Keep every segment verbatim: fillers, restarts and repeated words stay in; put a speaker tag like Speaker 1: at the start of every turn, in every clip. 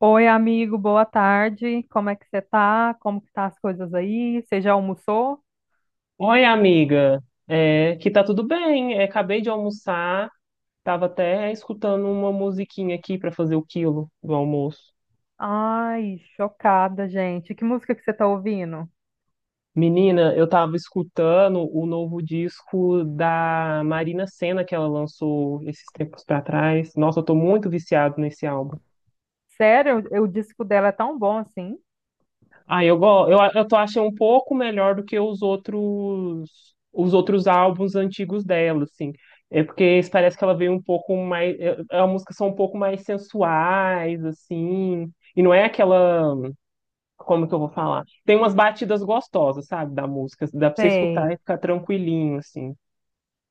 Speaker 1: Oi, amigo, boa tarde. Como é que você tá? Como que tá as coisas aí? Você já almoçou?
Speaker 2: Oi, amiga. É, que tá tudo bem. É, acabei de almoçar. Tava até escutando uma musiquinha aqui pra fazer o quilo do almoço.
Speaker 1: Ai, chocada, gente. Que música que você tá ouvindo?
Speaker 2: Menina, eu tava escutando o novo disco da Marina Sena que ela lançou esses tempos pra trás. Nossa, eu tô muito viciado nesse álbum.
Speaker 1: Sério, o disco dela é tão bom assim?
Speaker 2: Ah, eu, go- eu, a- eu tô achando um pouco melhor do que os outros os outros álbuns antigos dela, assim. É porque esse parece que ela veio um pouco mais. é- é- As músicas são um pouco mais sensuais, assim. E não é aquela. Como que eu vou falar? Tem umas batidas gostosas, sabe, da música. Dá pra você escutar
Speaker 1: Sei.
Speaker 2: e ficar tranquilinho, assim.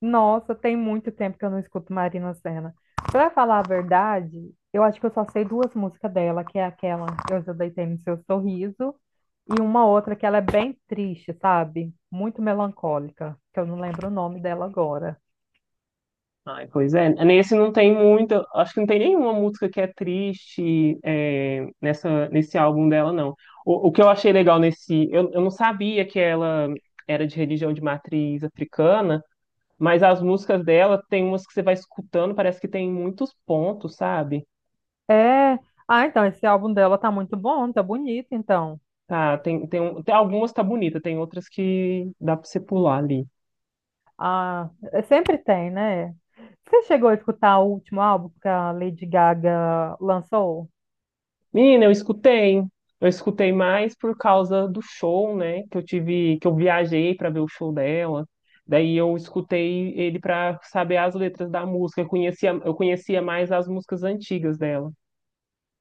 Speaker 1: Nossa, tem muito tempo que eu não escuto Marina Sena. Pra falar a verdade, eu acho que eu só sei duas músicas dela, que é aquela Eu Já Deitei no Seu Sorriso, e uma outra que ela é bem triste, sabe? Muito melancólica, que eu não lembro o nome dela agora.
Speaker 2: Ai, pois é, nesse não tem muita, acho que não tem nenhuma música que é triste é, nessa, nesse álbum dela, não. O, o que eu achei legal nesse, eu, eu não sabia que ela era de religião de matriz africana, mas as músicas dela tem umas que você vai escutando, parece que tem muitos pontos, sabe?
Speaker 1: É. Ah, então, esse álbum dela tá muito bom, tá bonito, então.
Speaker 2: Tá, tem, tem, um- tem algumas tá bonita, tem outras que dá pra você pular ali.
Speaker 1: Ah, é- sempre tem, né? Você chegou a escutar o último álbum que a Lady Gaga lançou?
Speaker 2: Menina, eu escutei. Eu escutei mais por causa do show, né? Que eu tive, que eu viajei para ver o show dela. Daí eu escutei ele para saber as letras da música. Eu conhecia, eu conhecia mais as músicas antigas dela.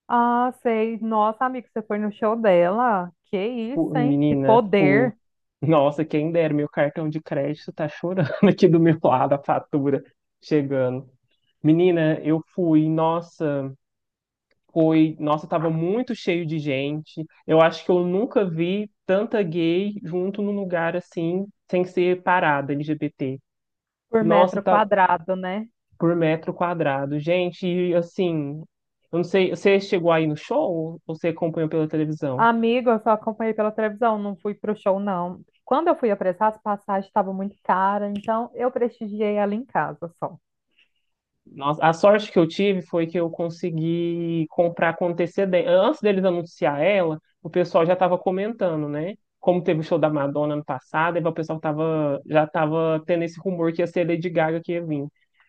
Speaker 1: Ah, sei. Nossa, amigo, você foi no show dela? Que isso,
Speaker 2: Fui,
Speaker 1: hein? Que
Speaker 2: menina, fui.
Speaker 1: poder
Speaker 2: Nossa, quem dera, meu cartão de crédito tá chorando aqui do meu lado, a fatura chegando. Menina, eu fui, nossa. Foi, nossa, tava muito cheio de gente. Eu acho que eu nunca vi tanta gay junto num lugar assim, sem ser parada L G B T.
Speaker 1: por
Speaker 2: Nossa,
Speaker 1: metro
Speaker 2: tá
Speaker 1: quadrado, né?
Speaker 2: por metro quadrado. Gente, e, assim, eu não sei, você chegou aí no show ou você acompanhou pela televisão?
Speaker 1: Amigo, eu só acompanhei pela televisão, não fui pro show, não. Quando eu fui apressar, as passagens estavam muito caras, então eu prestigiei ela em casa só.
Speaker 2: Nossa, a sorte que eu tive foi que eu consegui comprar com antecedência. Antes deles anunciar ela, o pessoal já estava comentando, né? Como teve o show da Madonna ano passado, aí o pessoal tava, já estava tendo esse rumor que ia ser Lady Gaga que ia vir.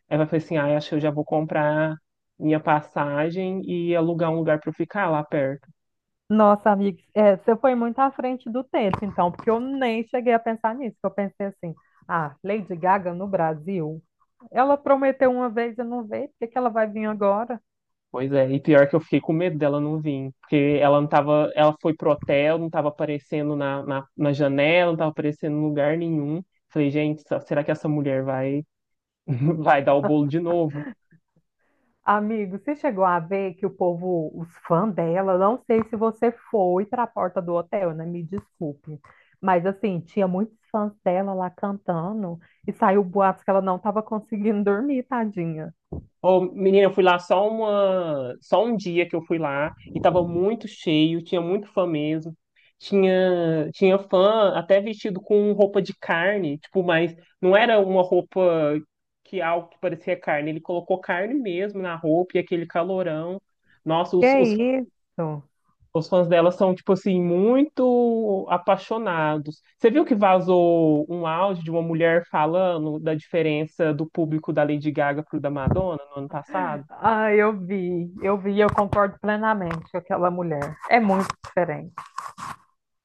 Speaker 2: Aí eu falei assim, ah, acho que eu já vou comprar minha passagem e alugar um lugar para eu ficar lá perto.
Speaker 1: Nossa, amiga, é, você foi muito à frente do tempo, então, porque eu nem cheguei a pensar nisso, que eu pensei assim, ah, Lady Gaga no Brasil, ela prometeu uma vez e não veio, por que que ela vai vir agora?
Speaker 2: Pois é, e pior que eu fiquei com medo dela não vir, porque ela não tava, ela foi pro hotel, não tava aparecendo na, na, na janela, não tava aparecendo em lugar nenhum. Falei, gente, será que essa mulher vai, vai dar o bolo de novo?
Speaker 1: Amigo, você chegou a ver que o povo, os fãs dela, não sei se você foi para a porta do hotel, né? Me desculpe. Mas assim, tinha muitos fãs dela lá cantando, e saiu boatos que ela não estava conseguindo dormir, tadinha.
Speaker 2: Ô, menina, eu fui lá só uma, só um dia que eu fui lá e tava muito cheio, tinha muito fã mesmo. Tinha, tinha fã até vestido com roupa de carne, tipo, mas não era uma roupa que algo que parecia carne, ele colocou carne mesmo na roupa e aquele calorão. Nossa,
Speaker 1: Que
Speaker 2: os, os,
Speaker 1: isso?
Speaker 2: os fãs dela são, tipo assim, muito apaixonados. Você viu que vazou um áudio de uma mulher falando da diferença do público da Lady Gaga pro da Madonna no ano passado?
Speaker 1: Ah, eu vi, eu vi, eu concordo plenamente com aquela mulher. É muito diferente.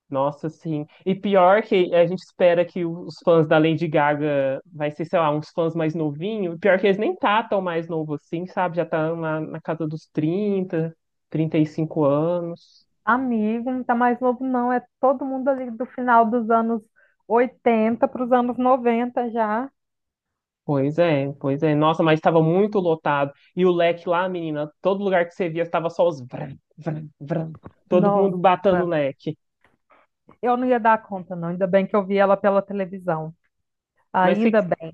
Speaker 2: Nossa, sim. E pior que a gente espera que os fãs da Lady Gaga vai ser, sei lá, uns fãs mais novinhos. Pior que eles nem tá tão mais novo assim, sabe? Já tá na, na casa dos trinta, trinta e cinco anos.
Speaker 1: Amigo, não tá mais novo, não. É todo mundo ali do final dos anos oitenta para os anos noventa já.
Speaker 2: Pois é, pois é. Nossa, mas estava muito lotado. E o leque lá, menina, todo lugar que você via estava só os vram, vram, vram. Todo mundo
Speaker 1: Nossa,
Speaker 2: batendo o leque.
Speaker 1: Eu não ia dar conta, não. Ainda bem que eu vi ela pela televisão.
Speaker 2: Mas que, que-
Speaker 1: Ainda bem.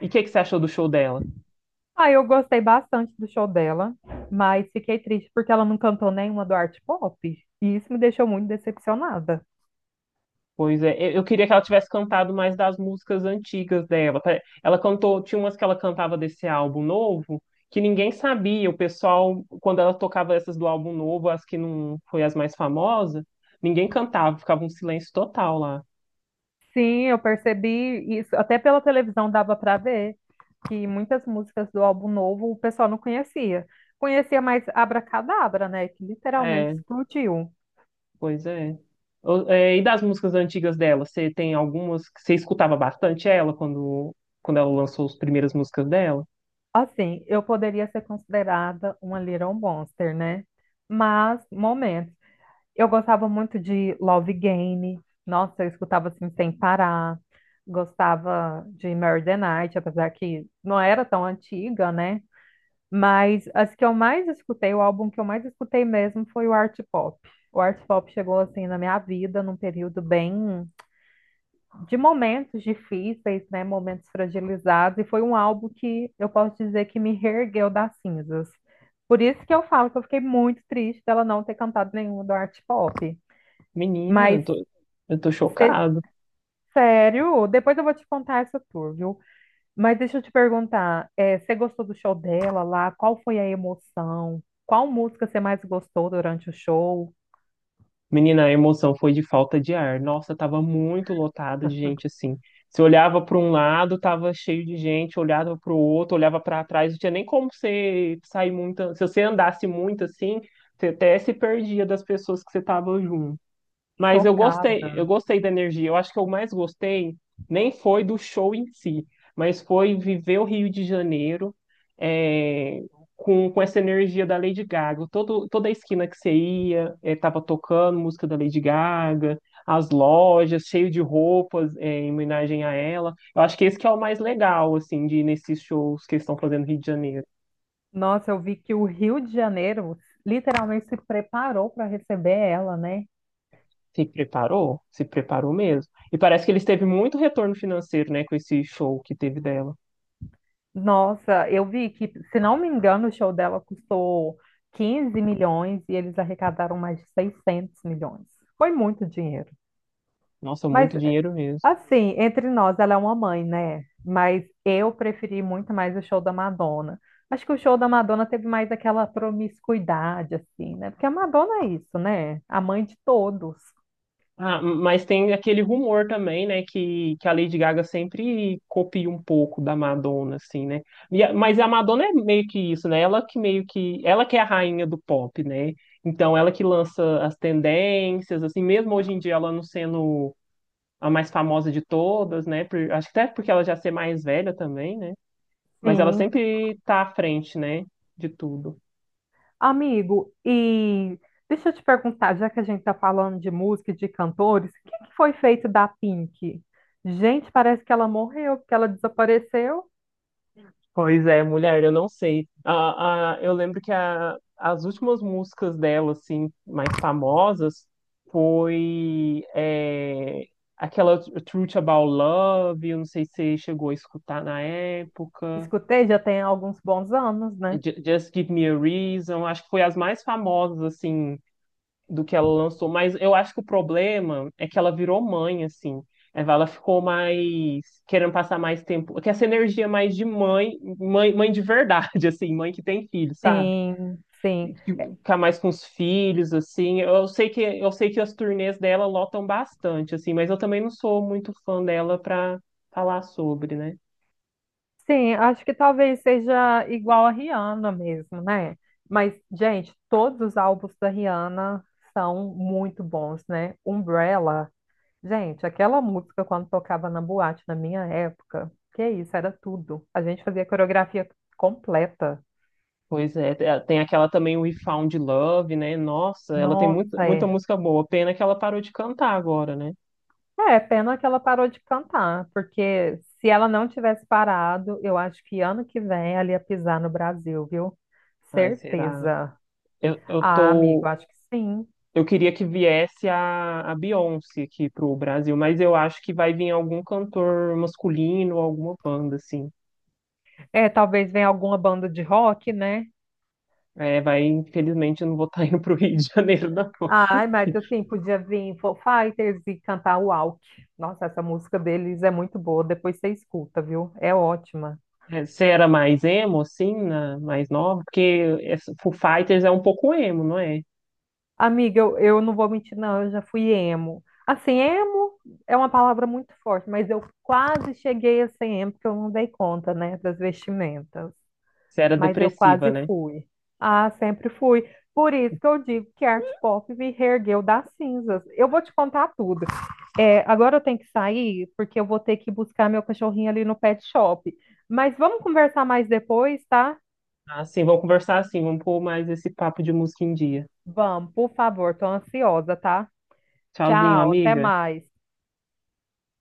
Speaker 2: e o que, que você achou do show dela?
Speaker 1: Ah, eu gostei bastante do show dela, mas fiquei triste porque ela não cantou nenhuma do art pop. E isso me deixou muito decepcionada.
Speaker 2: Pois é, eu eu queria que ela tivesse cantado mais das músicas antigas dela. Pare- Ela cantou, tinha umas que ela cantava desse álbum novo que ninguém sabia. O pessoal, quando ela tocava essas do álbum novo, as que não foi as mais famosas, ninguém cantava, ficava um silêncio total lá.
Speaker 1: Sim, eu percebi isso. Até pela televisão dava para ver que muitas músicas do álbum novo o pessoal não conhecia. Conhecia mais Abracadabra, né? Que literalmente
Speaker 2: É,
Speaker 1: explodiu.
Speaker 2: pois é. O- é, E das músicas antigas dela, você tem algumas que você escutava bastante ela quando, quando ela lançou as primeiras músicas dela?
Speaker 1: Assim, eu poderia ser considerada uma Little Monster, né? Mas, momento, eu gostava muito de Love Game. Nossa, eu escutava assim sem parar. Gostava de Mary the Night, apesar que não era tão antiga, né? Mas as que eu mais escutei, o álbum que eu mais escutei mesmo foi o Art Pop. O Art Pop chegou assim na minha vida num período bem de momentos difíceis, né? Momentos fragilizados, e foi um álbum que eu posso dizer que me reergueu das cinzas. Por isso que eu falo que eu fiquei muito triste dela não ter cantado nenhuma do Art Pop.
Speaker 2: Menina,
Speaker 1: Mas
Speaker 2: eu tô, eu tô
Speaker 1: é,
Speaker 2: chocado.
Speaker 1: Sério? Depois eu vou te contar essa tour, viu? Mas deixa eu te perguntar, é, você gostou do show dela lá? Qual foi a emoção? Qual música você mais gostou durante o show?
Speaker 2: Menina, a emoção foi de falta de ar. Nossa, tava muito lotado de gente assim. Você olhava para um lado, tava cheio de gente, olhava para o outro, olhava para trás, não tinha nem como você sair muito. Se você andasse muito assim, você até se perdia das pessoas que você tava junto. Mas eu gostei, eu
Speaker 1: Chocada.
Speaker 2: gostei da energia. Eu acho que eu mais gostei nem foi do show em si, mas foi viver o Rio de Janeiro é, com, com essa energia da Lady Gaga. Todo, toda a esquina que você ia, é, tava tocando música da Lady Gaga, as lojas cheio de roupas é, em homenagem a ela. Eu acho que esse que é o mais legal, assim, de ir nesses shows que eles estão fazendo no Rio de Janeiro.
Speaker 1: Nossa, eu vi que o Rio de Janeiro literalmente se preparou para receber ela, né?
Speaker 2: Se preparou? Se preparou mesmo. E parece que eles teve muito retorno financeiro, né, com esse show que teve dela.
Speaker 1: Nossa, eu vi que, se não me engano, o show dela custou 15 milhões e eles arrecadaram mais de 600 milhões. Foi muito dinheiro.
Speaker 2: Nossa,
Speaker 1: Mas,
Speaker 2: muito dinheiro mesmo.
Speaker 1: assim, entre nós, ela é uma mãe, né? Mas eu preferi muito mais o show da Madonna. Acho que o show da Madonna teve mais aquela promiscuidade, assim, né? Porque a Madonna é isso, né? A mãe de todos.
Speaker 2: Ah, mas tem aquele rumor também, né, que, que a Lady Gaga sempre copia um pouco da Madonna, assim, né? E a- mas a Madonna é meio que isso, né? Ela que meio que, ela que é a rainha do pop, né? Então ela que lança as tendências, assim, mesmo hoje em dia ela não sendo a mais famosa de todas, né? Por- acho que até porque ela já ser mais velha também, né? Mas ela
Speaker 1: Sim,
Speaker 2: sempre tá à frente, né, de tudo.
Speaker 1: amigo, e deixa eu te perguntar, já que a gente tá falando de música e de cantores, o que que foi feito da Pink? Gente, parece que ela morreu, porque ela desapareceu.
Speaker 2: Pois é, mulher, eu não sei. A, a, eu lembro que a, as últimas músicas dela, assim, mais famosas, foi é, aquela Truth About Love, eu não sei se você chegou a escutar na época,
Speaker 1: Escutei, já tem alguns bons anos, né?
Speaker 2: Ju- Just Give Me a Reason, acho que foi as mais famosas, assim, do que ela lançou, mas eu acho que o problema é que ela virou mãe, assim. É, Ela ficou mais querendo passar mais tempo, que essa energia é mais de mãe, mãe, mãe de verdade, assim, mãe que tem filho, sabe?
Speaker 1: Sim, sim.
Speaker 2: Que Ficar mais com os filhos, assim. Eu sei que eu sei que as turnês dela lotam bastante, assim, mas eu também não sou muito fã dela pra falar sobre, né?
Speaker 1: Sim, acho que talvez seja igual a Rihanna mesmo, né? Mas, gente, todos os álbuns da Rihanna são muito bons, né? Umbrella. Gente, aquela música quando tocava na boate na minha época, que isso, era tudo. A gente fazia coreografia completa.
Speaker 2: Pois é, te- tem aquela também We Found Love, né? Nossa, ela tem
Speaker 1: Nossa,
Speaker 2: muita, muita
Speaker 1: é.
Speaker 2: música boa. Pena que ela parou de cantar agora, né?
Speaker 1: É, pena que ela parou de cantar, porque se ela não tivesse parado, eu acho que ano que vem ela ia pisar no Brasil, viu?
Speaker 2: Ai, será?
Speaker 1: Certeza.
Speaker 2: Eu, eu
Speaker 1: Ah, amigo,
Speaker 2: tô.
Speaker 1: acho que sim.
Speaker 2: Eu queria que viesse a, a Beyoncé aqui pro Brasil, mas eu acho que vai vir algum cantor masculino, alguma banda, assim.
Speaker 1: É, talvez venha alguma banda de rock, né?
Speaker 2: É, vai, infelizmente, eu não vou estar indo pro Rio de Janeiro, não.
Speaker 1: Ai, Marta, assim, podia vir Foo Fighters e cantar Walk. Nossa, essa música deles é muito boa, depois você escuta, viu? É ótima.
Speaker 2: É, Você era mais emo, assim, na, mais nova? Porque essa- Foo Fighters é um pouco emo, não é?
Speaker 1: Amiga, eu, eu não vou mentir, não, eu já fui emo. Assim, emo é uma palavra muito forte, mas eu quase cheguei a ser emo, porque eu não dei conta, né, das vestimentas.
Speaker 2: Você era
Speaker 1: Mas eu
Speaker 2: depressiva,
Speaker 1: quase
Speaker 2: né?
Speaker 1: fui. Ah, sempre fui. Por isso que eu digo que a arte pop me reergueu das cinzas. Eu vou te contar tudo. É, agora eu tenho que sair, porque eu vou ter que buscar meu cachorrinho ali no pet shop. Mas vamos conversar mais depois, tá?
Speaker 2: Assim, vamos conversar assim, vamos pôr mais esse papo de música em dia.
Speaker 1: Vamos, por favor, tô ansiosa, tá?
Speaker 2: Tchauzinho,
Speaker 1: Tchau, até
Speaker 2: amiga.
Speaker 1: mais.